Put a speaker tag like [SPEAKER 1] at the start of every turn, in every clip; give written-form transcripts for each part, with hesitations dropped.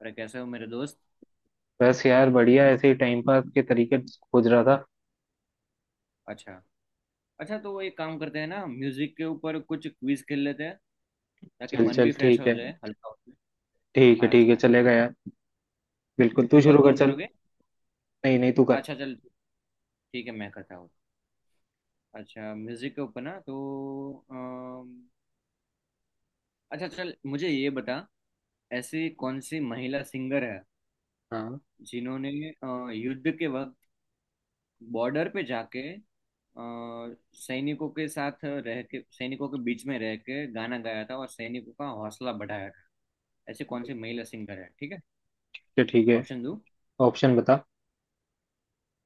[SPEAKER 1] अरे कैसे हो मेरे दोस्त।
[SPEAKER 2] बस यार बढ़िया, ऐसे ही टाइम पास के तरीके खोज रहा था।
[SPEAKER 1] अच्छा। अच्छा, तो एक काम करते हैं ना म्यूजिक के ऊपर कुछ क्विज खेल लेते हैं ताकि
[SPEAKER 2] चल
[SPEAKER 1] मन
[SPEAKER 2] चल,
[SPEAKER 1] भी फ्रेश
[SPEAKER 2] ठीक
[SPEAKER 1] हो
[SPEAKER 2] है।
[SPEAKER 1] जाए हल्का हो
[SPEAKER 2] ठीक है
[SPEAKER 1] जाए।
[SPEAKER 2] ठीक है,
[SPEAKER 1] अच्छा,
[SPEAKER 2] चलेगा यार। बिल्कुल, तू
[SPEAKER 1] शुरुआत
[SPEAKER 2] शुरू कर
[SPEAKER 1] तुम
[SPEAKER 2] चल।
[SPEAKER 1] करोगे?
[SPEAKER 2] नहीं नहीं, तू कर।
[SPEAKER 1] अच्छा, चल ठीक है, मैं करता हूँ। अच्छा, म्यूजिक के ऊपर ना तो अम, अच्छा, चल मुझे ये बता। ऐसी कौन सी महिला सिंगर है
[SPEAKER 2] हाँ।
[SPEAKER 1] जिन्होंने युद्ध के वक्त बॉर्डर पे जाके सैनिकों के साथ रह के सैनिकों के बीच में रह के गाना गाया था और सैनिकों का हौसला बढ़ाया था। ऐसे कौन
[SPEAKER 2] ठीक
[SPEAKER 1] से महिला सिंगर हैं? ठीक है।
[SPEAKER 2] है ठीक है।
[SPEAKER 1] ऑप्शन दो।
[SPEAKER 2] ऑप्शन बता।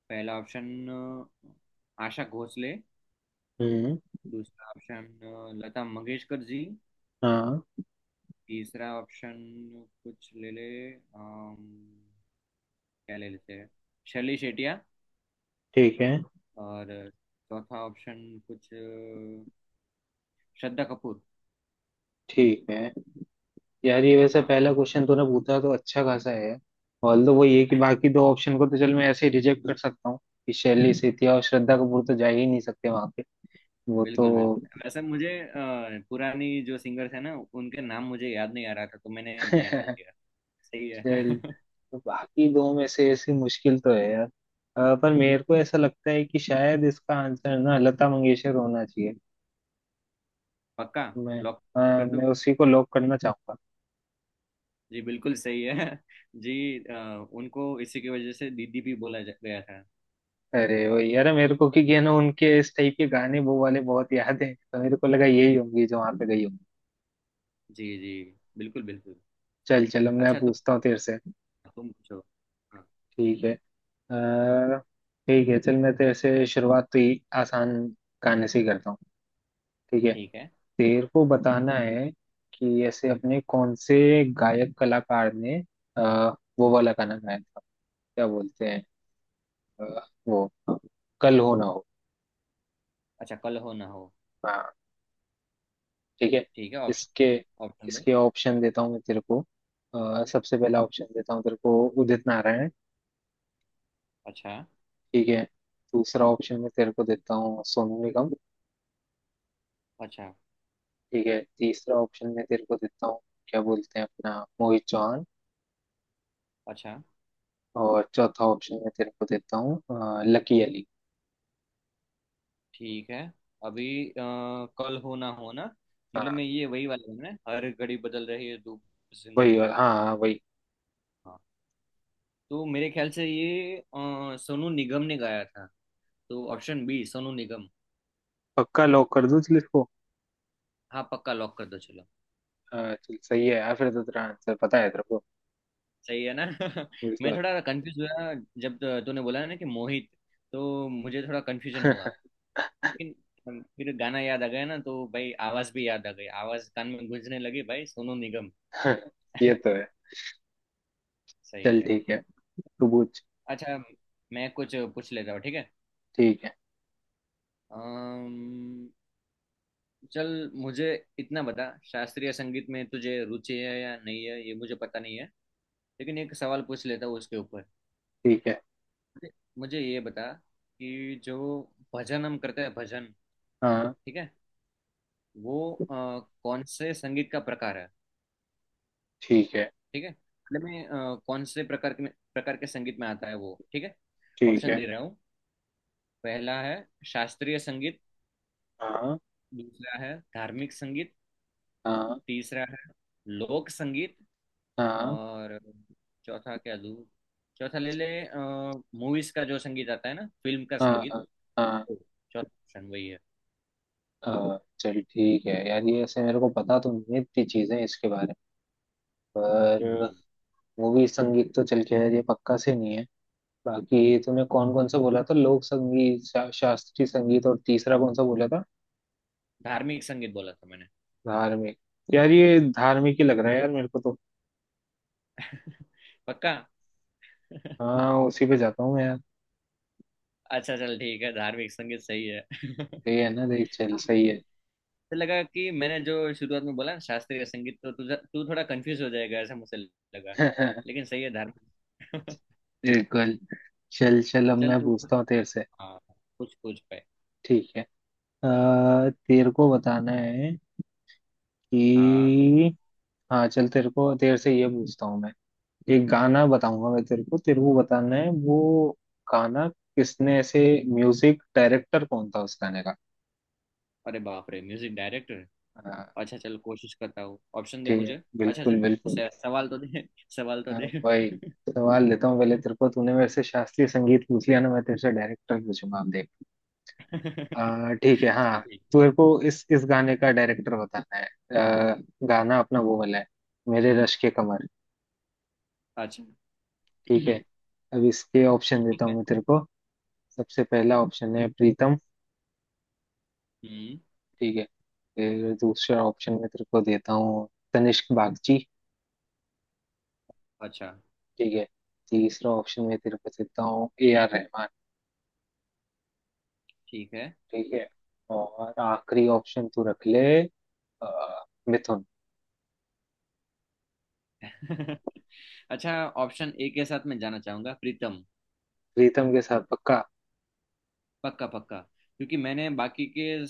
[SPEAKER 1] पहला ऑप्शन, आशा भोसले।
[SPEAKER 2] हम्म।
[SPEAKER 1] दूसरा ऑप्शन, लता मंगेशकर जी।
[SPEAKER 2] हाँ।
[SPEAKER 1] तीसरा ऑप्शन, कुछ ले ले, अम, क्या ले लेते हैं, शर्ली शेटिया।
[SPEAKER 2] ठीक है।
[SPEAKER 1] और चौथा ऑप्शन, कुछ श्रद्धा कपूर।
[SPEAKER 2] ठीक है यार, ये वैसे
[SPEAKER 1] हाँ।
[SPEAKER 2] पहला क्वेश्चन तूने पूछा तो अच्छा खासा है। ऑल दो वो ये कि बाकी दो ऑप्शन को तो चल मैं ऐसे ही रिजेक्ट कर सकता हूँ कि शैली सेठिया और श्रद्धा कपूर तो जा ही नहीं सकते वहां पे, वो तो।
[SPEAKER 1] बिल्कुल, बिल्कुल, वैसे मुझे पुरानी जो सिंगर्स है ना, उनके नाम मुझे याद नहीं आ रहा था तो मैंने नया डाल दिया। सही है।
[SPEAKER 2] चल, तो बाकी दो में से ऐसी मुश्किल तो है यार पर मेरे को ऐसा लगता है कि शायद इसका आंसर ना लता मंगेशकर होना चाहिए।
[SPEAKER 1] पक्का।
[SPEAKER 2] मैं
[SPEAKER 1] लॉक कर दूं?
[SPEAKER 2] मैं उसी को लॉक करना चाहूंगा।
[SPEAKER 1] जी, बिल्कुल सही है। जी, उनको इसी की वजह से दीदी भी बोला गया था।
[SPEAKER 2] अरे वो यार मेरे को, क्योंकि है ना उनके इस टाइप के गाने वो वाले बहुत याद हैं, तो मेरे को लगा यही होंगी जो वहां पे गई होंगी।
[SPEAKER 1] जी, जी, बिल्कुल, बिल्कुल।
[SPEAKER 2] चल चल, अब मैं
[SPEAKER 1] अच्छा, तुम
[SPEAKER 2] पूछता हूँ तेरे से।
[SPEAKER 1] तुम पूछो। हाँ,
[SPEAKER 2] ठीक है। अ, ठीक है चल, मैं तेरे से शुरुआत तो ही आसान गाने से ही करता हूँ। ठीक है।
[SPEAKER 1] ठीक है।
[SPEAKER 2] तेरे को बताना है कि ऐसे अपने कौन से गायक कलाकार ने आ, वो वाला गाना गाया था। क्या बोलते हैं, अ, वो, कल हो ना हो।
[SPEAKER 1] अच्छा, कल हो ना हो।
[SPEAKER 2] हाँ। ठीक है।
[SPEAKER 1] ठीक है, ऑप्शन
[SPEAKER 2] इसके
[SPEAKER 1] दो। ऑप्शन दो।
[SPEAKER 2] इसके ऑप्शन देता हूँ मैं तेरे को। सबसे पहला ऑप्शन देता हूँ तेरे को, उदित नारायण।
[SPEAKER 1] अच्छा।
[SPEAKER 2] ठीक है। दूसरा ऑप्शन में तेरे को देता हूँ सोनू निगम।
[SPEAKER 1] अच्छा।
[SPEAKER 2] ठीक है। तीसरा ऑप्शन में तेरे को देता हूँ, क्या बोलते हैं, अपना मोहित चौहान।
[SPEAKER 1] अच्छा।
[SPEAKER 2] और चौथा ऑप्शन में तेरे को देता हूँ लकी अली।
[SPEAKER 1] ठीक है। अभी कल हो ना हो ना, मतलब
[SPEAKER 2] हाँ।
[SPEAKER 1] मैं ये वही वाला हूँ ना, हर घड़ी बदल रही है धूप
[SPEAKER 2] वही।
[SPEAKER 1] जिंदगी।
[SPEAKER 2] हाँ हाँ वही।
[SPEAKER 1] हाँ, तो मेरे ख्याल से ये सोनू निगम ने गाया था। तो ऑप्शन बी, सोनू निगम।
[SPEAKER 2] पक्का लॉक कर दूं चल इसको।
[SPEAKER 1] हाँ, पक्का लॉक कर दो, चलो।
[SPEAKER 2] हाँ, चल सही है यार, फिर तो तेरा आंसर पता है तेरे को।
[SPEAKER 1] सही है ना? मैं
[SPEAKER 2] बिल्कुल।
[SPEAKER 1] थोड़ा कंफ्यूज हुआ जब तो तूने बोला ना कि मोहित, तो मुझे थोड़ा कंफ्यूजन हुआ। लेकिन फिर गाना याद आ गया ना तो भाई, आवाज भी याद आ गई, आवाज कान में गूंजने लगी, भाई सोनू निगम।
[SPEAKER 2] ये तो है।
[SPEAKER 1] सही
[SPEAKER 2] चल
[SPEAKER 1] है।
[SPEAKER 2] ठीक है, तू पूछ।
[SPEAKER 1] अच्छा, मैं कुछ पूछ लेता हूँ, ठीक है।
[SPEAKER 2] ठीक है।
[SPEAKER 1] अम्म, चल मुझे इतना बता, शास्त्रीय संगीत में तुझे रुचि है या नहीं है ये मुझे पता नहीं है, लेकिन एक सवाल पूछ लेता हूँ उसके ऊपर।
[SPEAKER 2] ठीक है।
[SPEAKER 1] मुझे मुझे ये बता कि जो भजन हम करते हैं, भजन,
[SPEAKER 2] हाँ।
[SPEAKER 1] ठीक है, वो कौन से संगीत का प्रकार है?
[SPEAKER 2] ठीक है।
[SPEAKER 1] ठीक है, मतलब में कौन से प्रकार के संगीत में आता है वो, ठीक है।
[SPEAKER 2] ठीक
[SPEAKER 1] ऑप्शन
[SPEAKER 2] है।
[SPEAKER 1] दे रहा हूँ। पहला है शास्त्रीय संगीत।
[SPEAKER 2] हाँ।
[SPEAKER 1] दूसरा है धार्मिक संगीत।
[SPEAKER 2] हाँ।
[SPEAKER 1] तीसरा है लोक संगीत।
[SPEAKER 2] हाँ।
[SPEAKER 1] और चौथा क्या दूँ? चौथा ले ले, मूवीज का जो संगीत आता है ना, फिल्म का
[SPEAKER 2] हाँ।
[SPEAKER 1] संगीत,
[SPEAKER 2] हाँ। हाँ।
[SPEAKER 1] तो चौथा ऑप्शन वही है।
[SPEAKER 2] हाँ। चल ठीक है यार, ये ऐसे मेरे को पता तो नहीं है इतनी चीजें इसके बारे में, पर
[SPEAKER 1] हम्म।
[SPEAKER 2] मूवी संगीत तो चल के यार ये पक्का से नहीं है। बाकी तुमने कौन कौन सा बोला था? लोक संगीत, शास्त्रीय संगीत, और तीसरा कौन सा बोला था?
[SPEAKER 1] धार्मिक संगीत बोला था मैंने।
[SPEAKER 2] धार्मिक। यार ये धार्मिक ही लग रहा है यार मेरे को तो।
[SPEAKER 1] पक्का।
[SPEAKER 2] हाँ उसी पे जाता हूँ मैं यार।
[SPEAKER 1] अच्छा, चल ठीक है, धार्मिक संगीत सही है।
[SPEAKER 2] सही है ना, देख, चल सही है।
[SPEAKER 1] तो लगा कि मैंने जो शुरुआत में बोला ना शास्त्रीय संगीत, तो तुझे तू थोड़ा कंफ्यूज हो जाएगा ऐसा मुझे लगा। लेकिन सही है, धार्मिक।
[SPEAKER 2] बिल्कुल। चल चल, अब
[SPEAKER 1] चल
[SPEAKER 2] मैं
[SPEAKER 1] तू
[SPEAKER 2] पूछता हूँ तेरे से।
[SPEAKER 1] हाँ, कुछ कुछ पे।
[SPEAKER 2] ठीक है। तेरे को बताना है
[SPEAKER 1] हाँ।
[SPEAKER 2] कि, हाँ चल, तेरे को तेरे से ये पूछता हूँ मैं। एक गाना बताऊंगा मैं तेरे को, तेरे को बताना है वो गाना किसने ऐसे, म्यूजिक डायरेक्टर कौन था उस गाने का।
[SPEAKER 1] अरे बाप रे, म्यूजिक डायरेक्टर!
[SPEAKER 2] हाँ।
[SPEAKER 1] अच्छा, चल कोशिश करता हूँ, ऑप्शन दे
[SPEAKER 2] ठीक
[SPEAKER 1] मुझे।
[SPEAKER 2] है,
[SPEAKER 1] अच्छा, चल
[SPEAKER 2] बिल्कुल बिल्कुल।
[SPEAKER 1] सवाल तो दे। सवाल तो
[SPEAKER 2] हाँ,
[SPEAKER 1] दे।
[SPEAKER 2] वही सवाल लेता हूँ पहले। तेरे को तूने मेरे से शास्त्रीय संगीत पूछ लिया ना, मैं तेरे से डायरेक्टर पूछूंगा अब देख। ठीक है हाँ।
[SPEAKER 1] चल ठीक।
[SPEAKER 2] तेरे को इस गाने का डायरेक्टर बताना है। आ, गाना अपना वो वाला है, मेरे रश के कमर।
[SPEAKER 1] अच्छा।
[SPEAKER 2] ठीक है।
[SPEAKER 1] ठीक
[SPEAKER 2] अब इसके ऑप्शन देता हूँ
[SPEAKER 1] है।
[SPEAKER 2] मैं तेरे को। सबसे पहला ऑप्शन है प्रीतम।
[SPEAKER 1] हम्म।
[SPEAKER 2] ठीक है। फिर दूसरा ऑप्शन में तेरे को देता हूँ तनिष्क बागची।
[SPEAKER 1] अच्छा,
[SPEAKER 2] ठीक है। तीसरा ऑप्शन में तेरे को देता हूँ ए आर रहमान।
[SPEAKER 1] ठीक
[SPEAKER 2] ठीक है। और आखिरी ऑप्शन तू रख ले, अ, मिथुन।
[SPEAKER 1] है। अच्छा, ऑप्शन ए के साथ मैं जाना चाहूंगा, प्रीतम।
[SPEAKER 2] प्रीतम के साथ पक्का?
[SPEAKER 1] पक्का, पक्का। क्योंकि मैंने बाकी के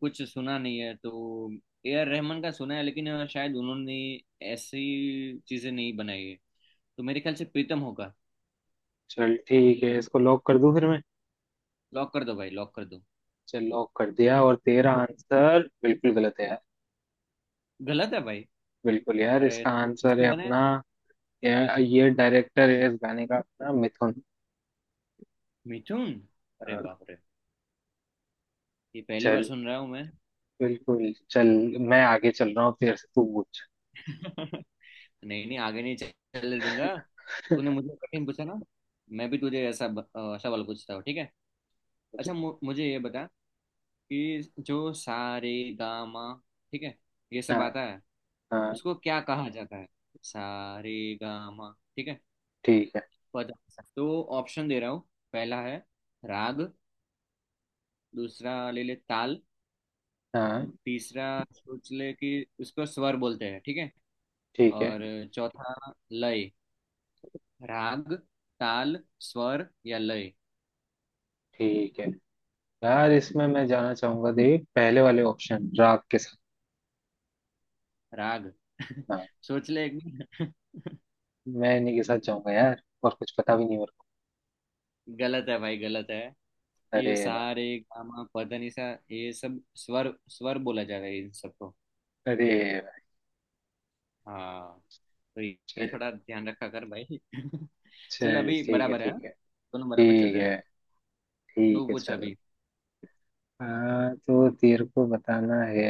[SPEAKER 1] कुछ सुना नहीं है तो। ए आर रहमान का सुना है लेकिन शायद उन्होंने ऐसी चीजें नहीं बनाई है। तो मेरे ख्याल से प्रीतम होगा।
[SPEAKER 2] चल ठीक है, इसको लॉक कर दूं फिर मैं।
[SPEAKER 1] लॉक कर दो भाई, लॉक कर दो।
[SPEAKER 2] चल लॉक कर दिया, और तेरा आंसर बिल्कुल गलत है यार।
[SPEAKER 1] गलत है भाई।
[SPEAKER 2] बिल्कुल यार,
[SPEAKER 1] अरे,
[SPEAKER 2] इसका
[SPEAKER 1] तो
[SPEAKER 2] आंसर
[SPEAKER 1] किसने
[SPEAKER 2] है
[SPEAKER 1] बनाया?
[SPEAKER 2] अपना, यार ये डायरेक्टर है इस गाने का अपना मिथुन।
[SPEAKER 1] मिथुन? अरे
[SPEAKER 2] अ,
[SPEAKER 1] बाप रे, ये पहली बार
[SPEAKER 2] चल
[SPEAKER 1] सुन रहा हूँ।
[SPEAKER 2] बिल्कुल। चल मैं आगे चल रहा हूँ, तेरे से तू पूछ।
[SPEAKER 1] मैं। नहीं, नहीं, आगे नहीं चलने दूंगा। तूने मुझे कठिन पूछा ना, मैं भी तुझे ऐसा सवाल पूछता हूँ, ठीक है। अच्छा, मुझे ये बता कि जो सा रे गा मा, ठीक है, ये सब
[SPEAKER 2] हाँ।
[SPEAKER 1] आता है,
[SPEAKER 2] हाँ।
[SPEAKER 1] उसको क्या कहा जाता है? सा रे गा मा, ठीक है?
[SPEAKER 2] ठीक है।
[SPEAKER 1] पता तो, ऑप्शन दे रहा हूँ। पहला है राग। दूसरा ले ले ताल।
[SPEAKER 2] हाँ।
[SPEAKER 1] तीसरा, सोच ले कि उसको स्वर बोलते हैं, ठीक है।
[SPEAKER 2] ठीक है।
[SPEAKER 1] और चौथा लय। राग, ताल, स्वर या लय।
[SPEAKER 2] ठीक है यार, इसमें मैं जाना चाहूंगा देख पहले वाले ऑप्शन राग के साथ।
[SPEAKER 1] राग?
[SPEAKER 2] हाँ।
[SPEAKER 1] सोच ले एक बार।
[SPEAKER 2] मैं इन्हीं के साथ जाऊंगा यार, और कुछ पता भी नहीं मेरे को।
[SPEAKER 1] गलत है भाई, गलत है।
[SPEAKER 2] अरे
[SPEAKER 1] ये
[SPEAKER 2] वाह।
[SPEAKER 1] सारे गामा पदनिसा, ये सब स्वर, स्वर बोला जाता है इन सबको।
[SPEAKER 2] अरे वाह।
[SPEAKER 1] हाँ, तो ये
[SPEAKER 2] चल
[SPEAKER 1] थोड़ा ध्यान रखा कर भाई। चल,
[SPEAKER 2] चल
[SPEAKER 1] अभी
[SPEAKER 2] ठीक है
[SPEAKER 1] बराबर है हाँ?
[SPEAKER 2] ठीक है।
[SPEAKER 1] दोनों बराबर चल
[SPEAKER 2] ठीक
[SPEAKER 1] रहे
[SPEAKER 2] है
[SPEAKER 1] हैं। तू
[SPEAKER 2] ठीक है
[SPEAKER 1] पूछ
[SPEAKER 2] चल।
[SPEAKER 1] अभी।
[SPEAKER 2] हाँ, तो तेरे को बताना है।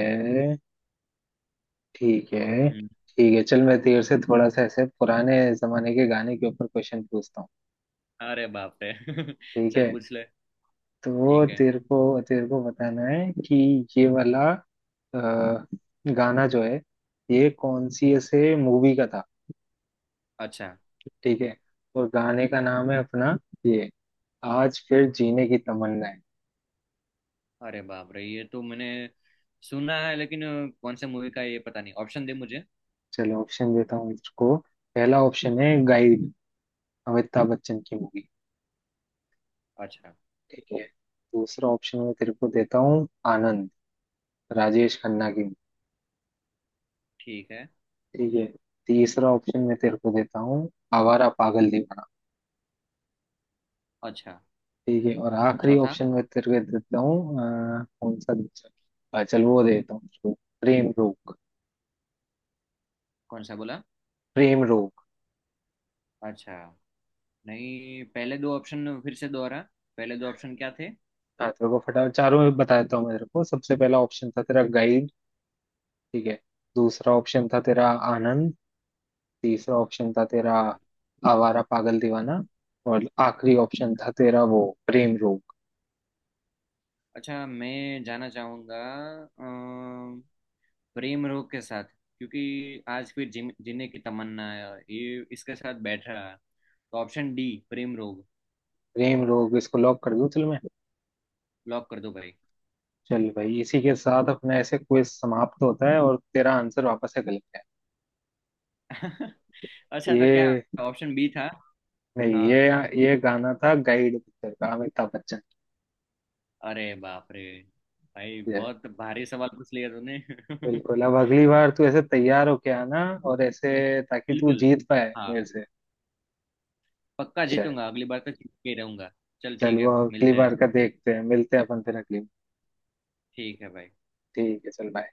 [SPEAKER 2] ठीक है।
[SPEAKER 1] हम्म।
[SPEAKER 2] ठीक है चल, मैं तेरे से थोड़ा सा ऐसे पुराने जमाने के गाने के ऊपर क्वेश्चन पूछता हूँ।
[SPEAKER 1] अरे बाप रे।
[SPEAKER 2] ठीक
[SPEAKER 1] चल
[SPEAKER 2] है।
[SPEAKER 1] पूछ ले,
[SPEAKER 2] तो
[SPEAKER 1] ठीक है।
[SPEAKER 2] तेरे को, तेरे को बताना है कि ये वाला अ, गाना जो है, ये कौन सी ऐसे मूवी का था।
[SPEAKER 1] अच्छा।
[SPEAKER 2] ठीक है। और गाने का नाम है अपना, ये, आज फिर जीने की तमन्ना है।
[SPEAKER 1] अरे बाप रे, ये तो मैंने सुना है लेकिन कौन से मूवी का है ये पता नहीं, ऑप्शन दे मुझे।
[SPEAKER 2] चलो ऑप्शन देता हूँ इसको। पहला ऑप्शन है गाइड, अमिताभ बच्चन की मूवी।
[SPEAKER 1] अच्छा,
[SPEAKER 2] ठीक है। दूसरा ऑप्शन मैं तेरे को देता हूँ आनंद, राजेश खन्ना की movie।
[SPEAKER 1] ठीक है।
[SPEAKER 2] ठीक है। तीसरा ऑप्शन मैं तेरे को देता हूँ आवारा पागल दीवाना।
[SPEAKER 1] अच्छा।
[SPEAKER 2] ठीक है, और
[SPEAKER 1] और
[SPEAKER 2] आखिरी
[SPEAKER 1] चौथा?
[SPEAKER 2] ऑप्शन मैं तेरे को देता हूँ, कौन सा दूसरा, चल वो देता हूँ उसको, प्रेम रोग।
[SPEAKER 1] कौन सा बोला?
[SPEAKER 2] प्रेम रोग।
[SPEAKER 1] अच्छा, नहीं, पहले दो ऑप्शन फिर से दोहरा, पहले दो ऑप्शन क्या थे?
[SPEAKER 2] हाँ तेरे को फटाफट चारों में बता देता हूँ मैं तेरे को। सबसे पहला ऑप्शन था तेरा गाइड। ठीक है। दूसरा ऑप्शन था तेरा आनंद। तीसरा ऑप्शन था तेरा
[SPEAKER 1] अच्छा।
[SPEAKER 2] आवारा पागल दीवाना। और आखिरी ऑप्शन था तेरा वो प्रेम रोग।
[SPEAKER 1] अच्छा, मैं जाना चाहूंगा अम, प्रेम रोग के साथ। क्योंकि आज फिर जीने जीने की तमन्ना है, ये इसके साथ बैठ रहा। तो ऑप्शन डी, प्रेम रोग।
[SPEAKER 2] प्रेम रोग इसको लॉक कर दूं चल मैं।
[SPEAKER 1] लॉक कर दो भाई।
[SPEAKER 2] चल भाई, इसी के साथ अपना ऐसे क्विज समाप्त होता है, और तेरा आंसर वापस से गलत है।
[SPEAKER 1] अच्छा, तो क्या
[SPEAKER 2] ये,
[SPEAKER 1] ऑप्शन बी था?
[SPEAKER 2] नहीं
[SPEAKER 1] हाँ।
[SPEAKER 2] ये, ये गाना था गाइड पिक्चर का, अमिताभ बच्चन।
[SPEAKER 1] अरे बाप रे, भाई
[SPEAKER 2] ये
[SPEAKER 1] बहुत भारी सवाल पूछ लिया तूने।
[SPEAKER 2] बिल्कुल, अब अगली बार तू ऐसे तैयार होके आना, और ऐसे ताकि तू
[SPEAKER 1] बिल्कुल।
[SPEAKER 2] जीत पाए
[SPEAKER 1] हाँ।
[SPEAKER 2] मेरे से।
[SPEAKER 1] पक्का
[SPEAKER 2] शायद।
[SPEAKER 1] जीतूंगा, अगली बार तो जीत के ही रहूंगा। चल
[SPEAKER 2] चल
[SPEAKER 1] ठीक
[SPEAKER 2] वो
[SPEAKER 1] है,
[SPEAKER 2] अगली
[SPEAKER 1] मिलते हैं।
[SPEAKER 2] बार का देखते हैं, मिलते हैं अपन फिर अगली बार।
[SPEAKER 1] ठीक है भाई।
[SPEAKER 2] ठीक है चल, बाय।